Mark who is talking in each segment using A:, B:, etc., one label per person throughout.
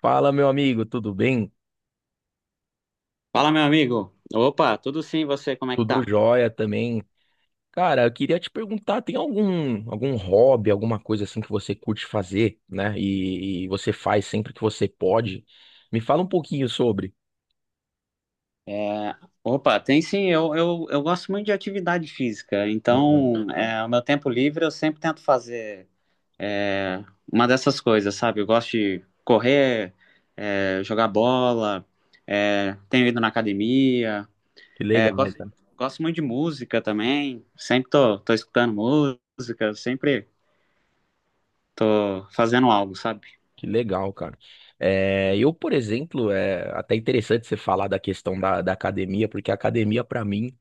A: Fala, meu amigo, tudo bem?
B: Fala, meu amigo. Opa, tudo sim, você, como é que
A: Tudo
B: tá?
A: jóia também. Cara, eu queria te perguntar, tem algum hobby, alguma coisa assim que você curte fazer, né? E você faz sempre que você pode. Me fala um pouquinho sobre.
B: É, opa, tem sim, eu gosto muito de atividade física,
A: Aham.
B: então, o meu tempo livre eu sempre tento fazer é, uma dessas coisas, sabe? Eu gosto de correr, jogar bola, tenho ido na academia,
A: Que
B: é,
A: legal,
B: gosto,
A: cara.
B: gosto muito de música também, sempre tô escutando música, sempre tô fazendo algo, sabe?
A: Que legal, cara. É, eu, por exemplo, é até interessante você falar da questão da academia, porque a academia, pra mim,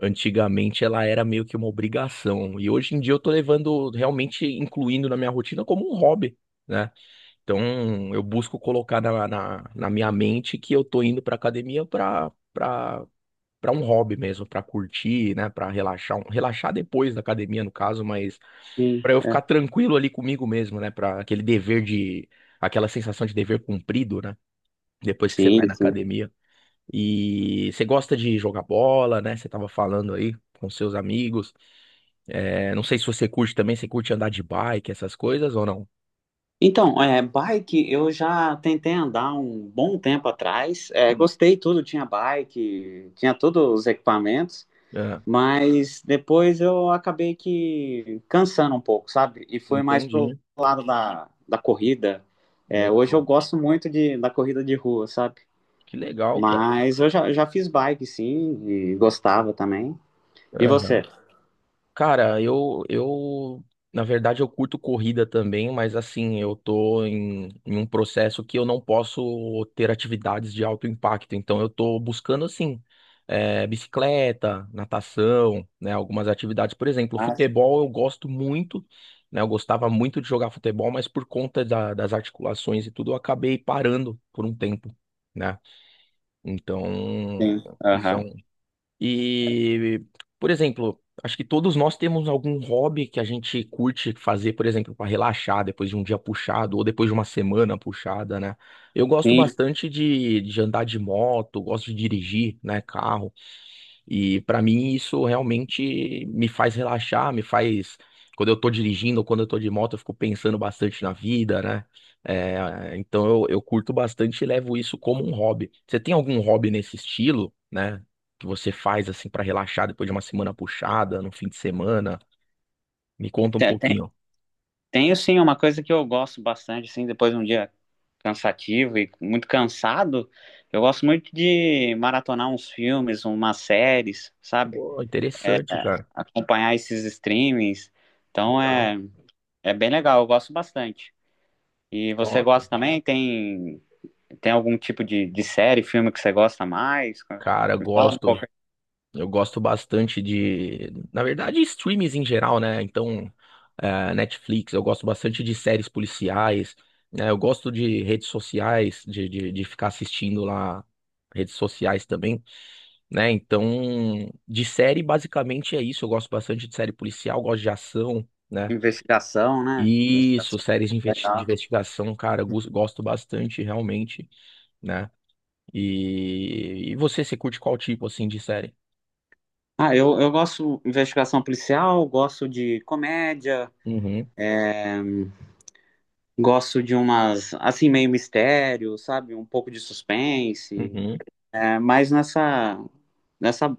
A: antigamente ela era meio que uma obrigação. E hoje em dia eu tô levando, realmente incluindo na minha rotina como um hobby, né? Então, eu busco colocar na minha mente que eu tô indo pra academia pra um hobby mesmo, pra curtir, né? Pra relaxar. Relaxar depois da academia, no caso, mas
B: Sim,
A: pra eu
B: é.
A: ficar tranquilo ali comigo mesmo, né? Pra aquele dever de. Aquela sensação de dever cumprido, né? Depois que você vai
B: Sim,
A: na
B: sim.
A: academia. E você gosta de jogar bola, né? Você tava falando aí com seus amigos. É, não sei se você curte também, você curte andar de bike, essas coisas ou não?
B: Então, é, bike eu já tentei andar um bom tempo atrás. É,
A: Hum.
B: gostei tudo, tinha bike, tinha todos os equipamentos,
A: Ah,
B: mas depois eu acabei que cansando um pouco, sabe? E fui mais pro
A: entendi.
B: lado da corrida. É, hoje eu
A: Legal.
B: gosto muito da corrida de rua, sabe?
A: Que legal, cara.
B: Mas eu já fiz bike, sim, e gostava também. E você?
A: Aham. Cara, na verdade, eu curto corrida também, mas assim, eu tô em um processo que eu não posso ter atividades de alto impacto. Então, eu tô buscando, assim, bicicleta, natação, né, algumas atividades. Por exemplo,
B: Ah, sim.
A: futebol eu gosto muito, né, eu gostava muito de jogar futebol, mas por conta das articulações e tudo, eu acabei parando por um tempo, né? Então,
B: Sim,
A: isso é
B: aham.
A: um. E, por exemplo, acho que todos nós temos algum hobby que a gente curte fazer, por exemplo, para relaxar depois de um dia puxado ou depois de uma semana puxada, né? Eu gosto
B: Sim,
A: bastante de andar de moto, gosto de dirigir, né, carro. E para mim isso realmente me faz relaxar, me faz. Quando eu tô dirigindo ou quando eu tô de moto, eu fico pensando bastante na vida, né? É, então eu curto bastante e levo isso como um hobby. Você tem algum hobby nesse estilo, né? Que você faz assim para relaxar depois de uma semana puxada, no fim de semana? Me conta um
B: te- te-
A: pouquinho.
B: tenho sim uma coisa que eu gosto bastante, sim, depois um dia cansativo e muito cansado, eu gosto muito de maratonar uns filmes, umas séries, sabe?
A: Pô, interessante, cara.
B: Acompanhar esses streamings. Então
A: Legal.
B: é bem legal, eu gosto bastante. E você
A: Nossa.
B: gosta também? Tem algum tipo de série, filme que você gosta mais?
A: Cara,
B: Me fala um
A: gosto.
B: pouco
A: Eu gosto bastante de, na verdade, streams em geral, né? Então, Netflix, eu gosto bastante de séries policiais, né? Eu gosto de redes sociais, de ficar assistindo lá redes sociais também, né? Então, de série, basicamente é isso. Eu gosto bastante de série policial, gosto de ação, né?
B: de investigação, né?
A: Isso,
B: Investigação.
A: séries de de
B: Legal.
A: investigação, cara, eu gosto bastante, realmente, né? E, você, você curte qual tipo, assim, de série?
B: Ah, eu gosto de investigação policial, gosto de comédia,
A: Uhum,
B: gosto de umas, assim, meio mistério, sabe? Um pouco de suspense.
A: uhum.
B: É, mais nessa,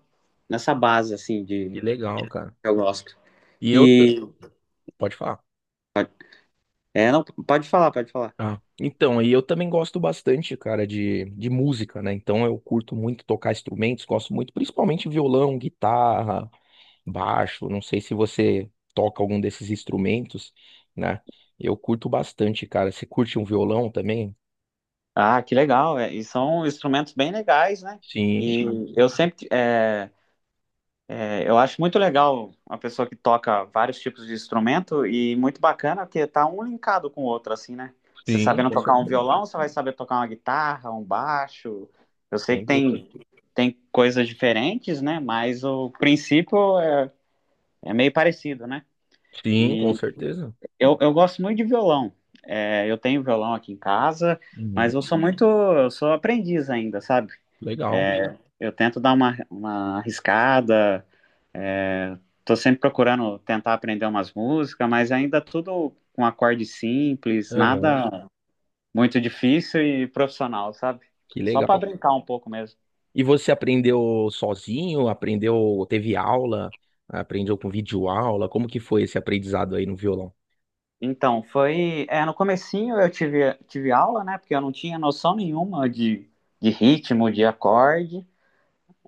B: nessa base, assim, de
A: Que legal, cara.
B: que eu gosto.
A: E eu.
B: E.
A: Pode falar.
B: pode- É, não, pode falar, pode falar.
A: Ah, então, e eu também gosto bastante, cara, de música, né? Então eu curto muito tocar instrumentos, gosto muito, principalmente violão, guitarra, baixo. Não sei se você toca algum desses instrumentos, né? Eu curto bastante, cara. Você curte um violão também?
B: Ah, que legal. É, e são instrumentos bem legais, né?
A: Sim,
B: E
A: cara.
B: sim, eu sempre. Eu acho muito legal uma pessoa que toca vários tipos de instrumento e muito bacana que tá um linkado com o outro, assim, né? Você
A: Sim,
B: sabendo
A: com
B: tocar um
A: certeza.
B: violão, você vai saber tocar uma guitarra, um baixo. Eu sei
A: Sem
B: que
A: dúvida.
B: tem coisas diferentes, né? Mas o princípio é é meio parecido, né?
A: Sim, com
B: E
A: certeza.
B: eu gosto muito de violão. É, eu tenho violão aqui em casa, mas
A: Uhum.
B: eu sou muito, eu sou aprendiz ainda, sabe?
A: Legal.
B: É, eu tento dar uma arriscada, tô sempre procurando tentar aprender umas músicas, mas ainda tudo com acorde simples,
A: Aham.
B: nada muito difícil e profissional, sabe?
A: Que
B: Só para
A: legal.
B: brincar um pouco mesmo.
A: E você aprendeu sozinho? Aprendeu, teve aula? Aprendeu com videoaula? Como que foi esse aprendizado aí no violão?
B: Então, foi, é, no comecinho eu tive aula, né? Porque eu não tinha noção nenhuma de ritmo, de acorde.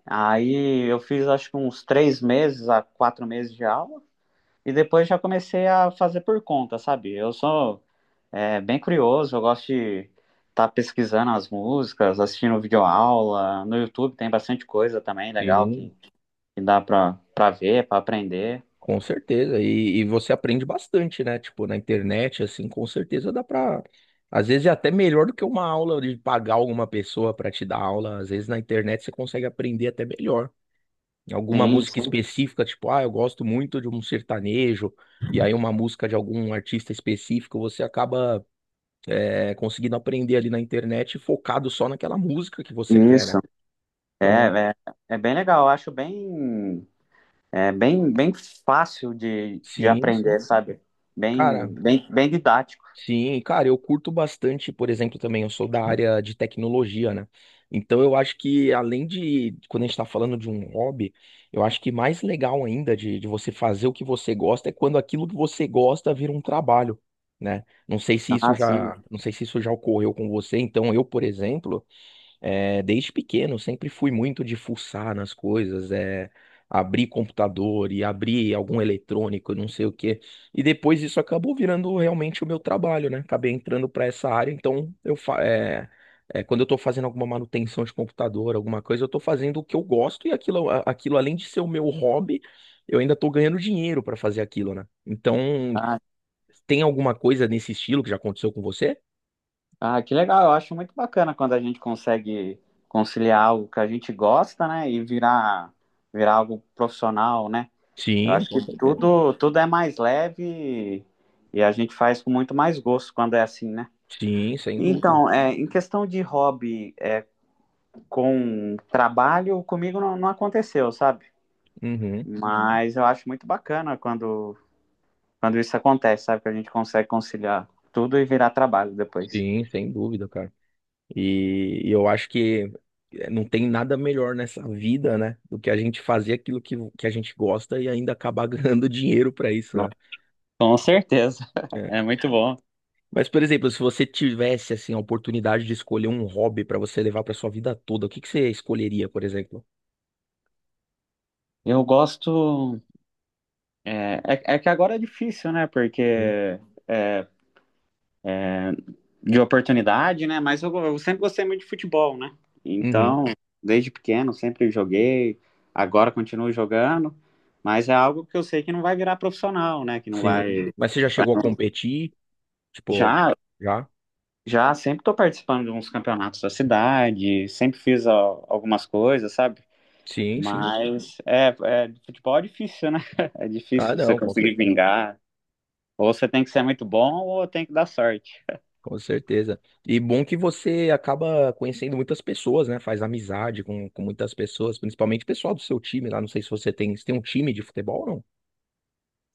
B: Aí eu fiz acho que uns três meses a quatro meses de aula e depois já comecei a fazer por conta, sabe? Eu sou é, bem curioso, eu gosto de estar pesquisando as músicas, assistindo videoaula. No YouTube tem bastante coisa também legal
A: Sim.
B: que dá pra, pra ver, pra aprender.
A: Com certeza. E, você aprende bastante, né? Tipo, na internet, assim, com certeza dá pra. Às vezes é até melhor do que uma aula de pagar alguma pessoa pra te dar aula. Às vezes na internet você consegue aprender até melhor. Alguma
B: Sim,
A: música
B: sim.
A: específica, tipo, ah, eu gosto muito de um sertanejo, e aí uma música de algum artista específico, você acaba. É, conseguindo aprender ali na internet, focado só naquela música que você quer,
B: Isso.
A: né? Então,
B: É, é, é bem legal, eu acho bem, bem fácil de
A: sim, sim.
B: aprender, sabe?
A: Cara,
B: Bem didático.
A: sim, cara, eu curto bastante, por exemplo, também, eu sou da área de tecnologia, né? Então, eu acho que, além de, quando a gente tá falando de um hobby, eu acho que mais legal ainda de você fazer o que você gosta é quando aquilo que você gosta vira um trabalho. Né? Não sei se isso
B: Ah, sim.
A: já, não sei se isso já ocorreu com você. Então, eu, por exemplo, é, desde pequeno, sempre fui muito de fuçar nas coisas, abrir computador e abrir algum eletrônico, não sei o quê. E depois isso acabou virando realmente o meu trabalho, né? Acabei entrando para essa área, então eu quando eu estou fazendo alguma manutenção de computador, alguma coisa, eu estou fazendo o que eu gosto e aquilo, aquilo além de ser o meu hobby, eu ainda estou ganhando dinheiro para fazer aquilo, né? Então,
B: Ah,
A: tem alguma coisa nesse estilo que já aconteceu com você?
B: ah, que legal. Eu acho muito bacana quando a gente consegue conciliar algo que a gente gosta, né, e virar algo profissional, né? Eu
A: Sim,
B: acho que
A: com certeza.
B: tudo tudo é mais leve e a gente faz com muito mais gosto quando é assim, né?
A: Sim, sem dúvida.
B: Então, é, em questão de hobby é, com trabalho, comigo não, não aconteceu, sabe?
A: Uhum.
B: Mas eu acho muito bacana quando isso acontece, sabe? Que a gente consegue conciliar tudo e virar trabalho depois.
A: Sim, sem dúvida, cara. E, eu acho que não tem nada melhor nessa vida, né, do que a gente fazer aquilo que a gente gosta e ainda acabar ganhando dinheiro pra isso,
B: Nossa,
A: né?
B: com certeza.
A: É.
B: É muito bom.
A: Mas, por exemplo, se você tivesse, assim, a oportunidade de escolher um hobby pra você levar pra sua vida toda, o que que você escolheria, por exemplo?
B: Eu gosto. É que agora é difícil, né? Porque
A: Uhum.
B: é, de oportunidade, né? Mas eu sempre gostei muito de futebol, né?
A: Uhum.
B: Então, desde pequeno, sempre joguei. Agora continuo jogando. Mas é algo que eu sei que não vai virar profissional, né? Que não
A: Sim.
B: vai.
A: Mas você já
B: vai-
A: chegou a competir? Tipo,
B: Já,
A: já?
B: já sempre estou participando de uns campeonatos da cidade, sempre fiz algumas coisas, sabe?
A: Sim, sim.
B: Mas é, futebol é difícil, né? É
A: Ah,
B: difícil você
A: não, com
B: conseguir
A: certeza.
B: vingar. Ou você tem que ser muito bom ou tem que dar sorte.
A: Com certeza. E bom que você acaba conhecendo muitas pessoas, né? Faz amizade com muitas pessoas, principalmente pessoal do seu time lá. Não sei se você tem, se tem um time de futebol ou não?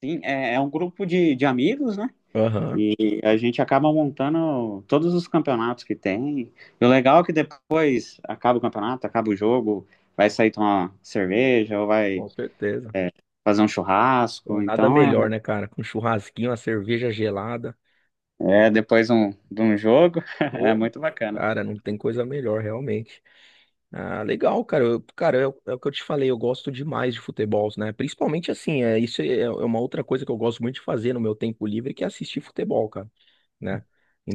B: Sim, é, é um grupo de amigos, né?
A: Aham,
B: E a gente acaba montando todos os campeonatos que tem. E o legal é que depois acaba o campeonato, acaba o jogo, vai sair tomar cerveja ou vai
A: com certeza.
B: fazer um
A: Então,
B: churrasco.
A: nada
B: Então é,
A: melhor, né, cara? Com um churrasquinho, uma cerveja gelada.
B: é depois um, de um jogo, é
A: Pô,
B: muito bacana.
A: cara, não tem coisa melhor, realmente. Ah, legal, cara. Cara, é, o é o que eu te falei, eu gosto demais de futebol, né? Principalmente assim, é, é uma outra coisa que eu gosto muito de fazer no meu tempo livre, que é assistir futebol, cara, né?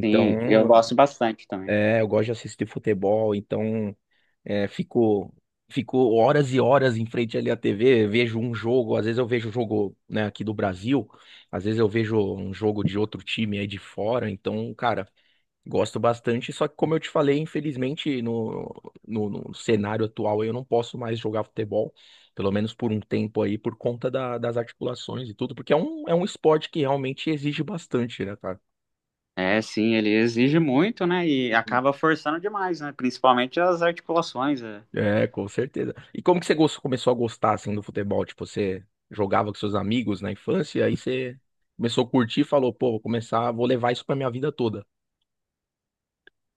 B: Sim, eu gosto bastante também.
A: é, eu gosto de assistir futebol, então é, fico horas e horas em frente ali à TV, vejo um jogo, às vezes eu vejo o jogo, né, aqui do Brasil, às vezes eu vejo um jogo de outro time aí de fora, então, cara, gosto bastante, só que como eu te falei, infelizmente no cenário atual eu não posso mais jogar futebol, pelo menos por um tempo aí, por conta das articulações e tudo, porque é é um esporte que realmente exige bastante, né, cara?
B: É, sim, ele exige muito, né? E acaba forçando demais, né? Principalmente as articulações, é,
A: É, com certeza. E como que você começou a gostar assim do futebol? Tipo, você jogava com seus amigos na infância, e aí você começou a curtir e falou, pô, vou começar, vou levar isso pra minha vida toda.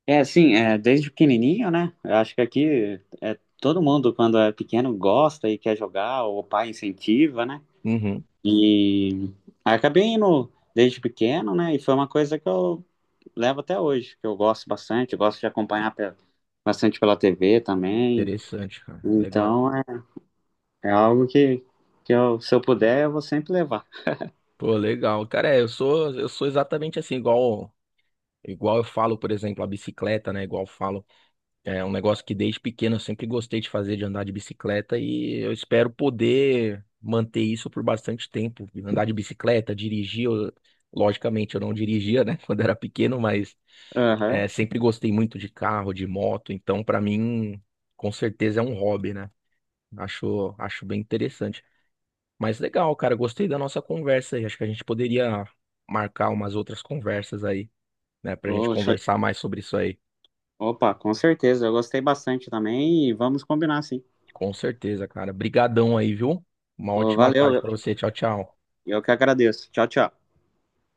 B: é assim, é, desde pequenininho, né? Eu acho que aqui é, todo mundo, quando é pequeno, gosta e quer jogar, ou o pai incentiva, né?
A: Uhum.
B: E aí acabei indo desde pequeno, né? E foi uma coisa que eu levo até hoje, que eu gosto bastante, eu gosto de acompanhar bastante pela TV também.
A: Interessante, cara. Legal.
B: Então é, é algo que eu, se eu puder, eu vou sempre levar.
A: Pô, legal. Cara, é, eu sou exatamente assim, igual eu falo, por exemplo, a bicicleta, né? Igual eu falo. É um negócio que desde pequeno eu sempre gostei de fazer, de andar de bicicleta, e eu espero poder manter isso por bastante tempo. Andar de bicicleta, dirigir, logicamente eu não dirigia, né, quando era pequeno, mas
B: Aham.
A: é, sempre gostei muito de carro, de moto, então pra mim, com certeza é um hobby, né? Acho bem interessante. Mas legal, cara, gostei da nossa conversa aí. Acho que a gente poderia marcar umas outras conversas aí, né, pra gente
B: Ô, show-
A: conversar mais sobre isso aí.
B: Opa, com certeza, eu gostei bastante também e vamos combinar, sim.
A: Com certeza, cara. Brigadão aí, viu? Uma
B: Ô,
A: ótima
B: valeu,
A: tarde pra você. Tchau, tchau.
B: eu que agradeço. Tchau, tchau.